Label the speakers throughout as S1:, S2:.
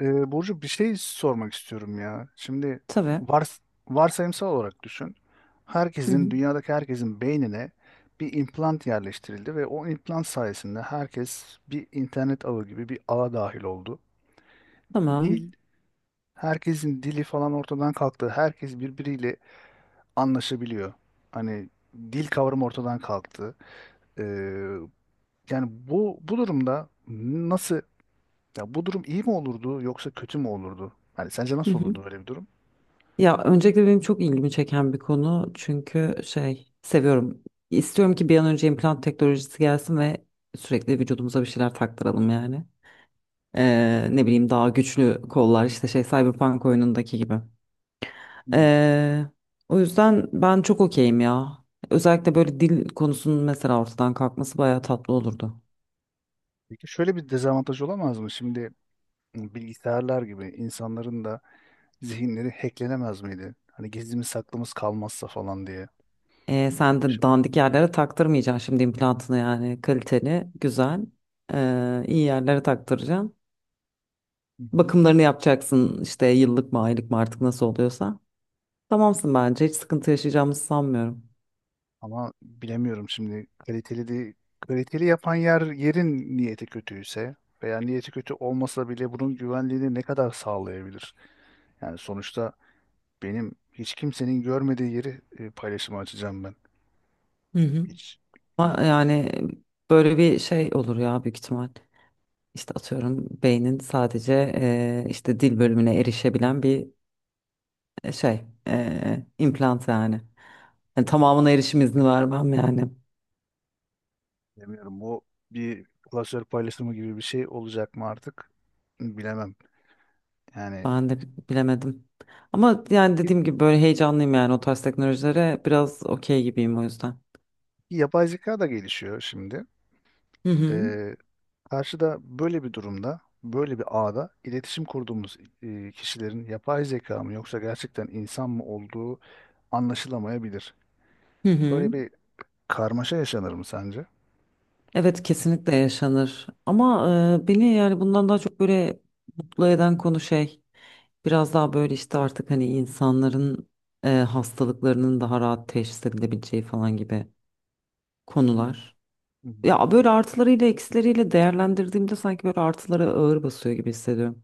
S1: Burcu, bir şey sormak istiyorum ya. Şimdi
S2: Tabii.
S1: vars varsayımsal olarak düşün.
S2: Hı
S1: Herkesin,
S2: hı.
S1: dünyadaki herkesin beynine bir implant yerleştirildi ve o implant sayesinde herkes bir internet ağı gibi bir ağa dahil oldu. Dil,
S2: Tamam.
S1: herkesin dili falan ortadan kalktı. Herkes birbiriyle anlaşabiliyor. Hani dil kavramı ortadan kalktı. Ee, Yani bu durumda nasıl, ya bu durum iyi mi olurdu yoksa kötü mü olurdu? Hani sence
S2: Hı
S1: nasıl
S2: hı.
S1: olurdu böyle bir durum?
S2: Ya öncelikle benim çok ilgimi çeken bir konu çünkü şey seviyorum. İstiyorum ki bir an önce implant teknolojisi gelsin ve sürekli vücudumuza bir şeyler taktıralım yani. Ne bileyim daha güçlü kollar işte şey Cyberpunk oyunundaki gibi.
S1: Hmm.
S2: Ee, O yüzden ben çok okeyim ya. Özellikle böyle dil konusunun mesela ortadan kalkması bayağı tatlı olurdu.
S1: Peki şöyle bir dezavantaj olamaz mı? Şimdi bilgisayarlar gibi insanların da zihinleri hacklenemez miydi? Hani gizlimiz saklımız kalmazsa falan diye.
S2: Sen
S1: Böyle bir
S2: de
S1: şey.
S2: dandik yerlere taktırmayacaksın şimdi implantını yani kaliteli, güzel, iyi yerlere taktıracaksın.
S1: Hı hı.
S2: Bakımlarını yapacaksın işte yıllık mı aylık mı artık nasıl oluyorsa. Tamamsın bence hiç sıkıntı yaşayacağımızı sanmıyorum.
S1: Ama bilemiyorum, şimdi kaliteli de kaliteli yapan yerin niyeti kötüyse veya niyeti kötü olmasa bile bunun güvenliğini ne kadar sağlayabilir? Yani sonuçta benim hiç kimsenin görmediği yeri paylaşıma açacağım ben.
S2: Hı hı.
S1: Hiç
S2: Ama yani böyle bir şey olur ya büyük ihtimal. İşte atıyorum beynin sadece işte dil bölümüne erişebilen bir şey implant yani. Yani tamamına erişim izni vermem yani.
S1: Bilmiyorum, bu bir klasör paylaşımı gibi bir şey olacak mı artık, bilemem. Yani
S2: Ben de bilemedim. Ama yani
S1: y-
S2: dediğim gibi böyle heyecanlıyım yani o tarz teknolojilere biraz okey gibiyim o yüzden.
S1: yapay zeka da gelişiyor şimdi.
S2: Hı hı.
S1: Ee, Karşıda böyle bir durumda, böyle bir ağda iletişim kurduğumuz kişilerin yapay zeka mı yoksa gerçekten insan mı olduğu anlaşılamayabilir.
S2: Hı
S1: Böyle
S2: hı.
S1: bir karmaşa yaşanır mı sence?
S2: Evet, kesinlikle yaşanır. Ama beni yani bundan daha çok böyle mutlu eden konu şey biraz daha böyle işte artık hani insanların hastalıklarının daha rahat teşhis edilebileceği falan gibi konular.
S1: Hı hı.
S2: Ya böyle artılarıyla eksileriyle değerlendirdiğimde sanki böyle artıları ağır basıyor gibi hissediyorum.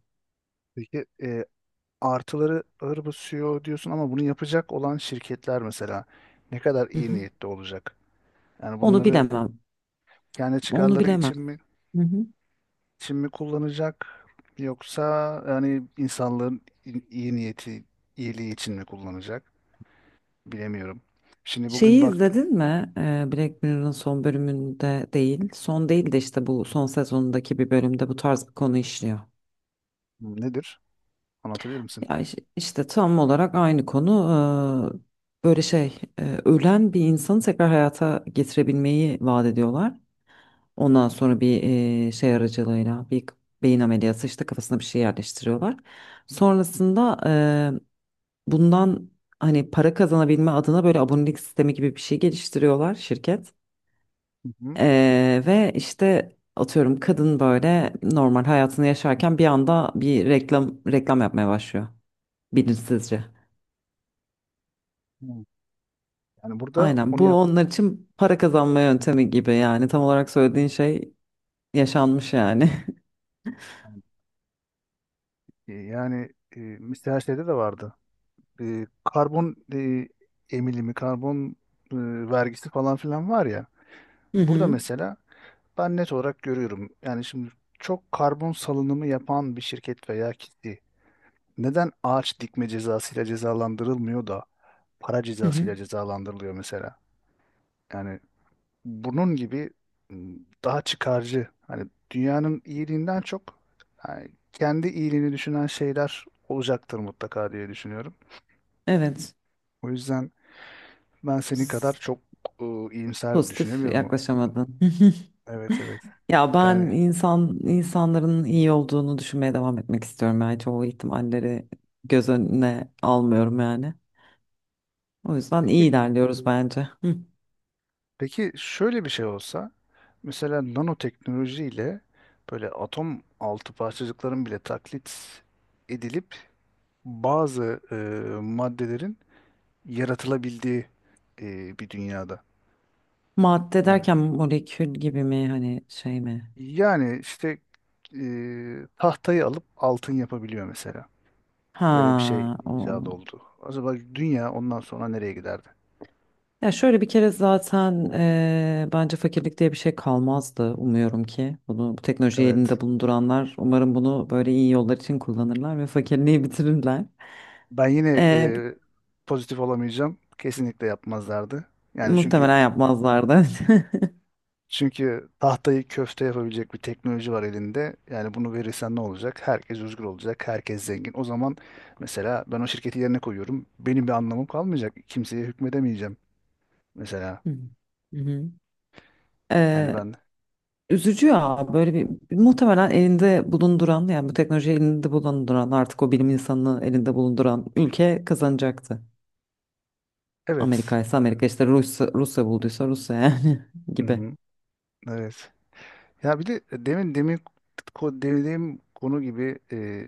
S1: Peki, artıları ağır basıyor diyorsun ama bunu yapacak olan şirketler mesela ne kadar
S2: Hı
S1: iyi
S2: hı.
S1: niyetli olacak? Yani
S2: Onu
S1: bunları
S2: bilemem.
S1: kendi
S2: Onu
S1: çıkarları
S2: bilemem.
S1: için mi,
S2: Hı hı.
S1: için mi kullanacak, yoksa yani insanlığın iyi niyeti, iyiliği için mi kullanacak? Bilemiyorum. Şimdi bugün
S2: Şeyi
S1: baktım.
S2: izledin mi? Black Mirror'ın son bölümünde değil. Son değil de işte bu son sezonundaki bir bölümde bu tarz bir konu işliyor.
S1: Nedir? Anlatabilir misin?
S2: Ya işte tam olarak aynı konu. Böyle şey ölen bir insanı tekrar hayata getirebilmeyi vaat ediyorlar. Ondan sonra bir şey aracılığıyla beyin ameliyatı işte kafasına bir şey yerleştiriyorlar. Sonrasında e, bundan hani para kazanabilme adına böyle abonelik sistemi gibi bir şey geliştiriyorlar şirket.
S1: Hı hı.
S2: Ve işte atıyorum kadın böyle normal hayatını yaşarken bir anda bir reklam yapmaya başlıyor bilinçsizce.
S1: Hı. Yani burada
S2: Aynen
S1: onu
S2: bu onlar için para kazanma yöntemi gibi yani tam olarak söylediğin şey yaşanmış yani.
S1: yani, mesela şeyde de vardı. Karbon, emilimi, karbon, e, vergisi falan filan var ya.
S2: Hı
S1: Burada
S2: hı.
S1: mesela ben net olarak görüyorum. Yani şimdi çok karbon salınımı yapan bir şirket veya kitle neden ağaç dikme cezasıyla cezalandırılmıyor da para
S2: Hı hı.
S1: cezasıyla cezalandırılıyor mesela? Yani bunun gibi, m, daha çıkarcı, hani dünyanın iyiliğinden çok yani kendi iyiliğini düşünen şeyler olacaktır mutlaka diye düşünüyorum.
S2: Evet,
S1: O yüzden ben senin kadar
S2: s-
S1: çok iyimser
S2: pozitif
S1: düşünemiyorum.
S2: yaklaşamadın. Hı hı.
S1: Evet, evet.
S2: Ya ben
S1: Yani
S2: insanların iyi olduğunu düşünmeye devam etmek istiyorum yani çoğu ihtimalleri göz önüne almıyorum yani. O yüzden
S1: peki,
S2: iyi ilerliyoruz bence.
S1: peki şöyle bir şey olsa, mesela nanoteknolojiyle böyle atom altı parçacıkların bile taklit edilip bazı maddelerin yaratılabildiği bir dünyada.
S2: Madde
S1: Yani
S2: derken molekül gibi mi hani şey mi?
S1: işte, tahtayı alıp altın yapabiliyor mesela. Böyle bir şey
S2: Ha,
S1: icat
S2: o.
S1: oldu. Acaba dünya ondan sonra nereye giderdi?
S2: Ya şöyle bir kere zaten bence fakirlik diye bir şey kalmazdı umuyorum ki. Bu teknolojiyi
S1: Evet.
S2: elinde bulunduranlar umarım bunu böyle iyi yollar için kullanırlar ve fakirliği bitirirler.
S1: Ben yine
S2: Eee,
S1: pozitif olamayacağım. Kesinlikle yapmazlardı. Yani çünkü,
S2: Muhtemelen yapmazlardı.
S1: çünkü tahtayı köfte yapabilecek bir teknoloji var elinde. Yani bunu verirsen ne olacak? Herkes özgür olacak, herkes zengin. O zaman mesela ben o şirketi yerine koyuyorum. Benim bir anlamım kalmayacak. Kimseye hükmedemeyeceğim mesela.
S2: Hı hı.
S1: Yani
S2: Eee,
S1: ben,
S2: Üzücü ya böyle bir muhtemelen elinde bulunduran yani bu teknolojiyi elinde bulunduran artık o bilim insanını elinde bulunduran ülke kazanacaktı.
S1: evet.
S2: Amerika ise Amerika, işte Rusya, Rusya bulduysa Rusya yani gibi.
S1: Hı-hı. Evet. Ya bir de demin dediğim konu gibi,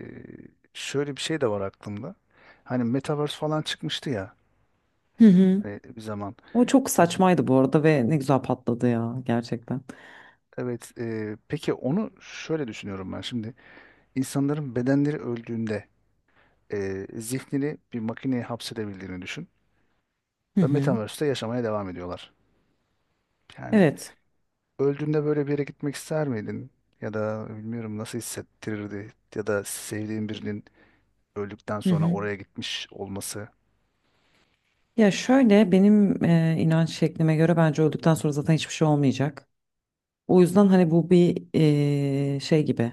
S1: şöyle bir şey de var aklımda. Hani Metaverse falan çıkmıştı ya,
S2: Hı hı.
S1: hani bir zaman.
S2: O çok
S1: E,
S2: saçmaydı bu arada ve ne güzel patladı ya gerçekten.
S1: Evet, peki onu şöyle düşünüyorum ben şimdi. İnsanların bedenleri öldüğünde zihnini bir makineye hapsedebildiğini düşün
S2: Hı
S1: ve
S2: hı.
S1: Metaverse'te yaşamaya devam ediyorlar. Yani
S2: Evet.
S1: öldüğünde böyle bir yere gitmek ister miydin? Ya da bilmiyorum, nasıl hissettirirdi, ya da sevdiğin birinin öldükten
S2: Hı
S1: sonra
S2: hı.
S1: oraya gitmiş olması.
S2: Ya şöyle benim inanç şeklime göre bence öldükten sonra zaten hiçbir şey olmayacak. O yüzden hani bu bir şey gibi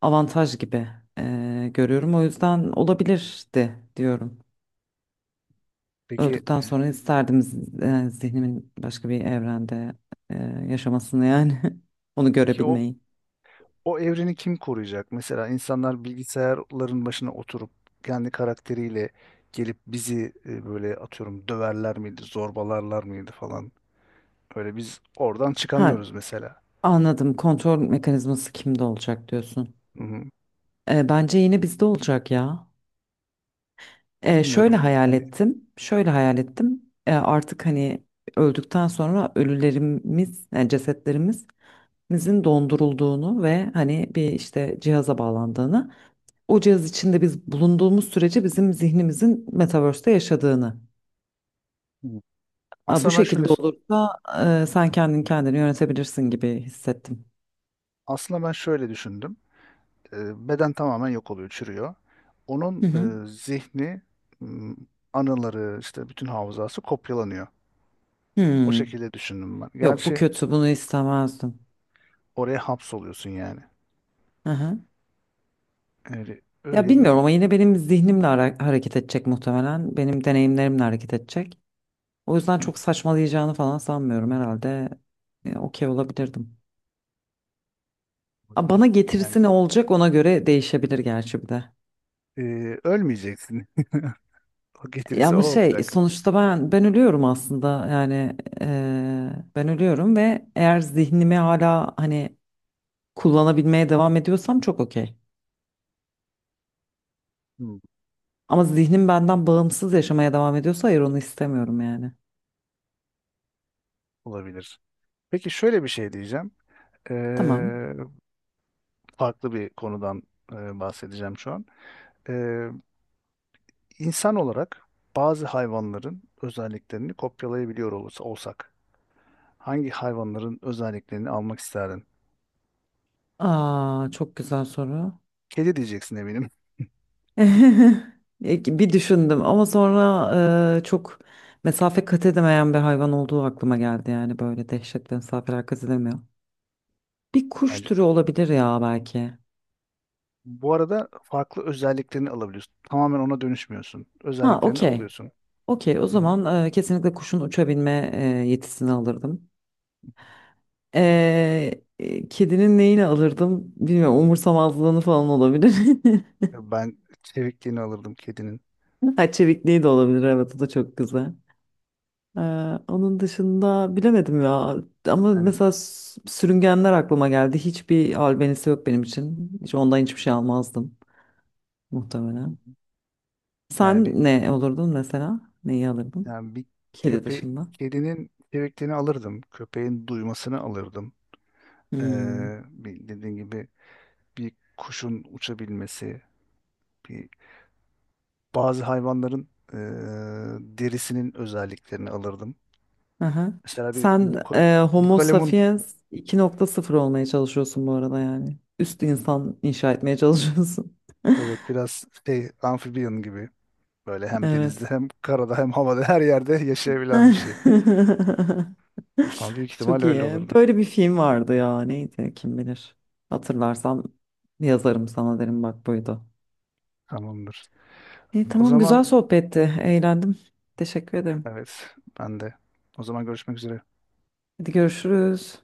S2: avantaj gibi görüyorum. O yüzden olabilirdi diyorum.
S1: Peki,
S2: Öldükten sonra isterdim zihnimin başka bir evrende e, yaşamasını yani onu
S1: peki
S2: görebilmeyi.
S1: o evreni kim koruyacak? Mesela insanlar bilgisayarların başına oturup kendi karakteriyle gelip bizi böyle atıyorum döverler miydi, zorbalarlar mıydı falan. Öyle biz oradan
S2: Ha,
S1: çıkamıyoruz mesela.
S2: anladım. Kontrol mekanizması kimde olacak diyorsun.
S1: Hı hı.
S2: Bence yine bizde olacak ya. Şöyle
S1: Bilmiyorum.
S2: hayal
S1: Hani.
S2: ettim. Şöyle hayal ettim. Artık hani öldükten sonra ölülerimiz, yani cesetlerimizin dondurulduğunu ve hani bir işte cihaza bağlandığını. O cihaz içinde biz bulunduğumuz sürece bizim zihnimizin metaverse'te yaşadığını.
S1: Hı.
S2: Aa, bu
S1: Aslında ben şöyle,
S2: şekilde olursa sen kendin kendini yönetebilirsin gibi hissettim.
S1: aslında ben şöyle düşündüm. Beden tamamen yok oluyor, çürüyor. Onun
S2: Hı hı.
S1: zihni, m, anıları, işte bütün hafızası kopyalanıyor. O
S2: Hmm.
S1: şekilde düşündüm ben.
S2: Yok, bu
S1: Gerçi
S2: kötü, bunu istemezdim.
S1: oraya hapsoluyorsun yani.
S2: Hı hı.
S1: Öyle,
S2: Ya
S1: öyle bir.
S2: bilmiyorum ama yine benim zihnimle hareket edecek muhtemelen. Benim deneyimlerimle hareket edecek. O yüzden çok saçmalayacağını falan sanmıyorum herhalde. Okey olabilirdim. Aa, bana
S1: Olabilir. Yani
S2: getirisi ne olacak ona göre değişebilir gerçi bir de.
S1: e, ölmeyeceksin. O
S2: Ya
S1: getirisi o
S2: ama şey
S1: olacak.
S2: sonuçta ben ölüyorum aslında yani ben ölüyorum ve eğer zihnimi hala hani kullanabilmeye devam ediyorsam çok okey.
S1: Hmm,
S2: Ama zihnim benden bağımsız yaşamaya devam ediyorsa hayır onu istemiyorum yani.
S1: olabilir. Peki şöyle bir şey diyeceğim. Ee,
S2: Tamam.
S1: Farklı bir konudan bahsedeceğim şu an. Ee, insan olarak bazı hayvanların özelliklerini kopyalayabiliyor olsak, hangi hayvanların özelliklerini almak isterdin?
S2: Aa, çok güzel soru.
S1: Kedi diyeceksin eminim.
S2: Bir düşündüm ama sonra çok mesafe kat edemeyen bir hayvan olduğu aklıma geldi yani böyle dehşetli mesafeler kat edemiyor. Bir kuş
S1: Bence.
S2: türü olabilir ya belki.
S1: Bu arada farklı özelliklerini alabiliyorsun. Tamamen ona dönüşmüyorsun.
S2: Ha,
S1: Özelliklerini
S2: okey.
S1: alıyorsun.
S2: Okey, o
S1: Hı hı.
S2: zaman kesinlikle kuşun uçabilme yetisini alırdım. E, Kedinin neyini alırdım bilmiyorum. Umursamazlığını falan olabilir.
S1: Ben çevikliğini alırdım kedinin.
S2: Ha, çevikliği de olabilir. Evet, o da çok güzel. E, Onun dışında bilemedim ya. Ama
S1: Yani
S2: mesela sürüngenler aklıma geldi. Hiçbir albenisi yok benim için. Hiç ondan hiçbir şey almazdım muhtemelen.
S1: yani bir
S2: Sen ne olurdun mesela? Neyi alırdın?
S1: yani bir
S2: Kedi
S1: köpe
S2: dışında.
S1: Kedinin çevikliğini alırdım. Köpeğin duymasını alırdım.
S2: Hmm.
S1: Ee, Bir, dediğin gibi bir kuşun uçabilmesi, bir bazı hayvanların derisinin özelliklerini alırdım.
S2: Aha.
S1: Mesela bir
S2: Sen Homo
S1: bukalemun,
S2: sapiens 2.0 olmaya çalışıyorsun bu arada yani. Üst insan inşa etmeye çalışıyorsun.
S1: evet, biraz şey, amfibiyon gibi, böyle hem denizde
S2: Evet.
S1: hem karada hem havada her yerde yaşayabilen bir şey. Ama büyük ihtimal
S2: Çok
S1: öyle
S2: iyi.
S1: olurdu.
S2: Böyle bir film vardı ya. Neydi kim bilir. Hatırlarsam yazarım sana derim bak buydu.
S1: Tamamdır.
S2: İyi,
S1: O
S2: tamam,
S1: zaman
S2: güzel sohbetti. Eğlendim. Teşekkür ederim.
S1: evet, ben de. O zaman görüşmek üzere.
S2: Hadi görüşürüz.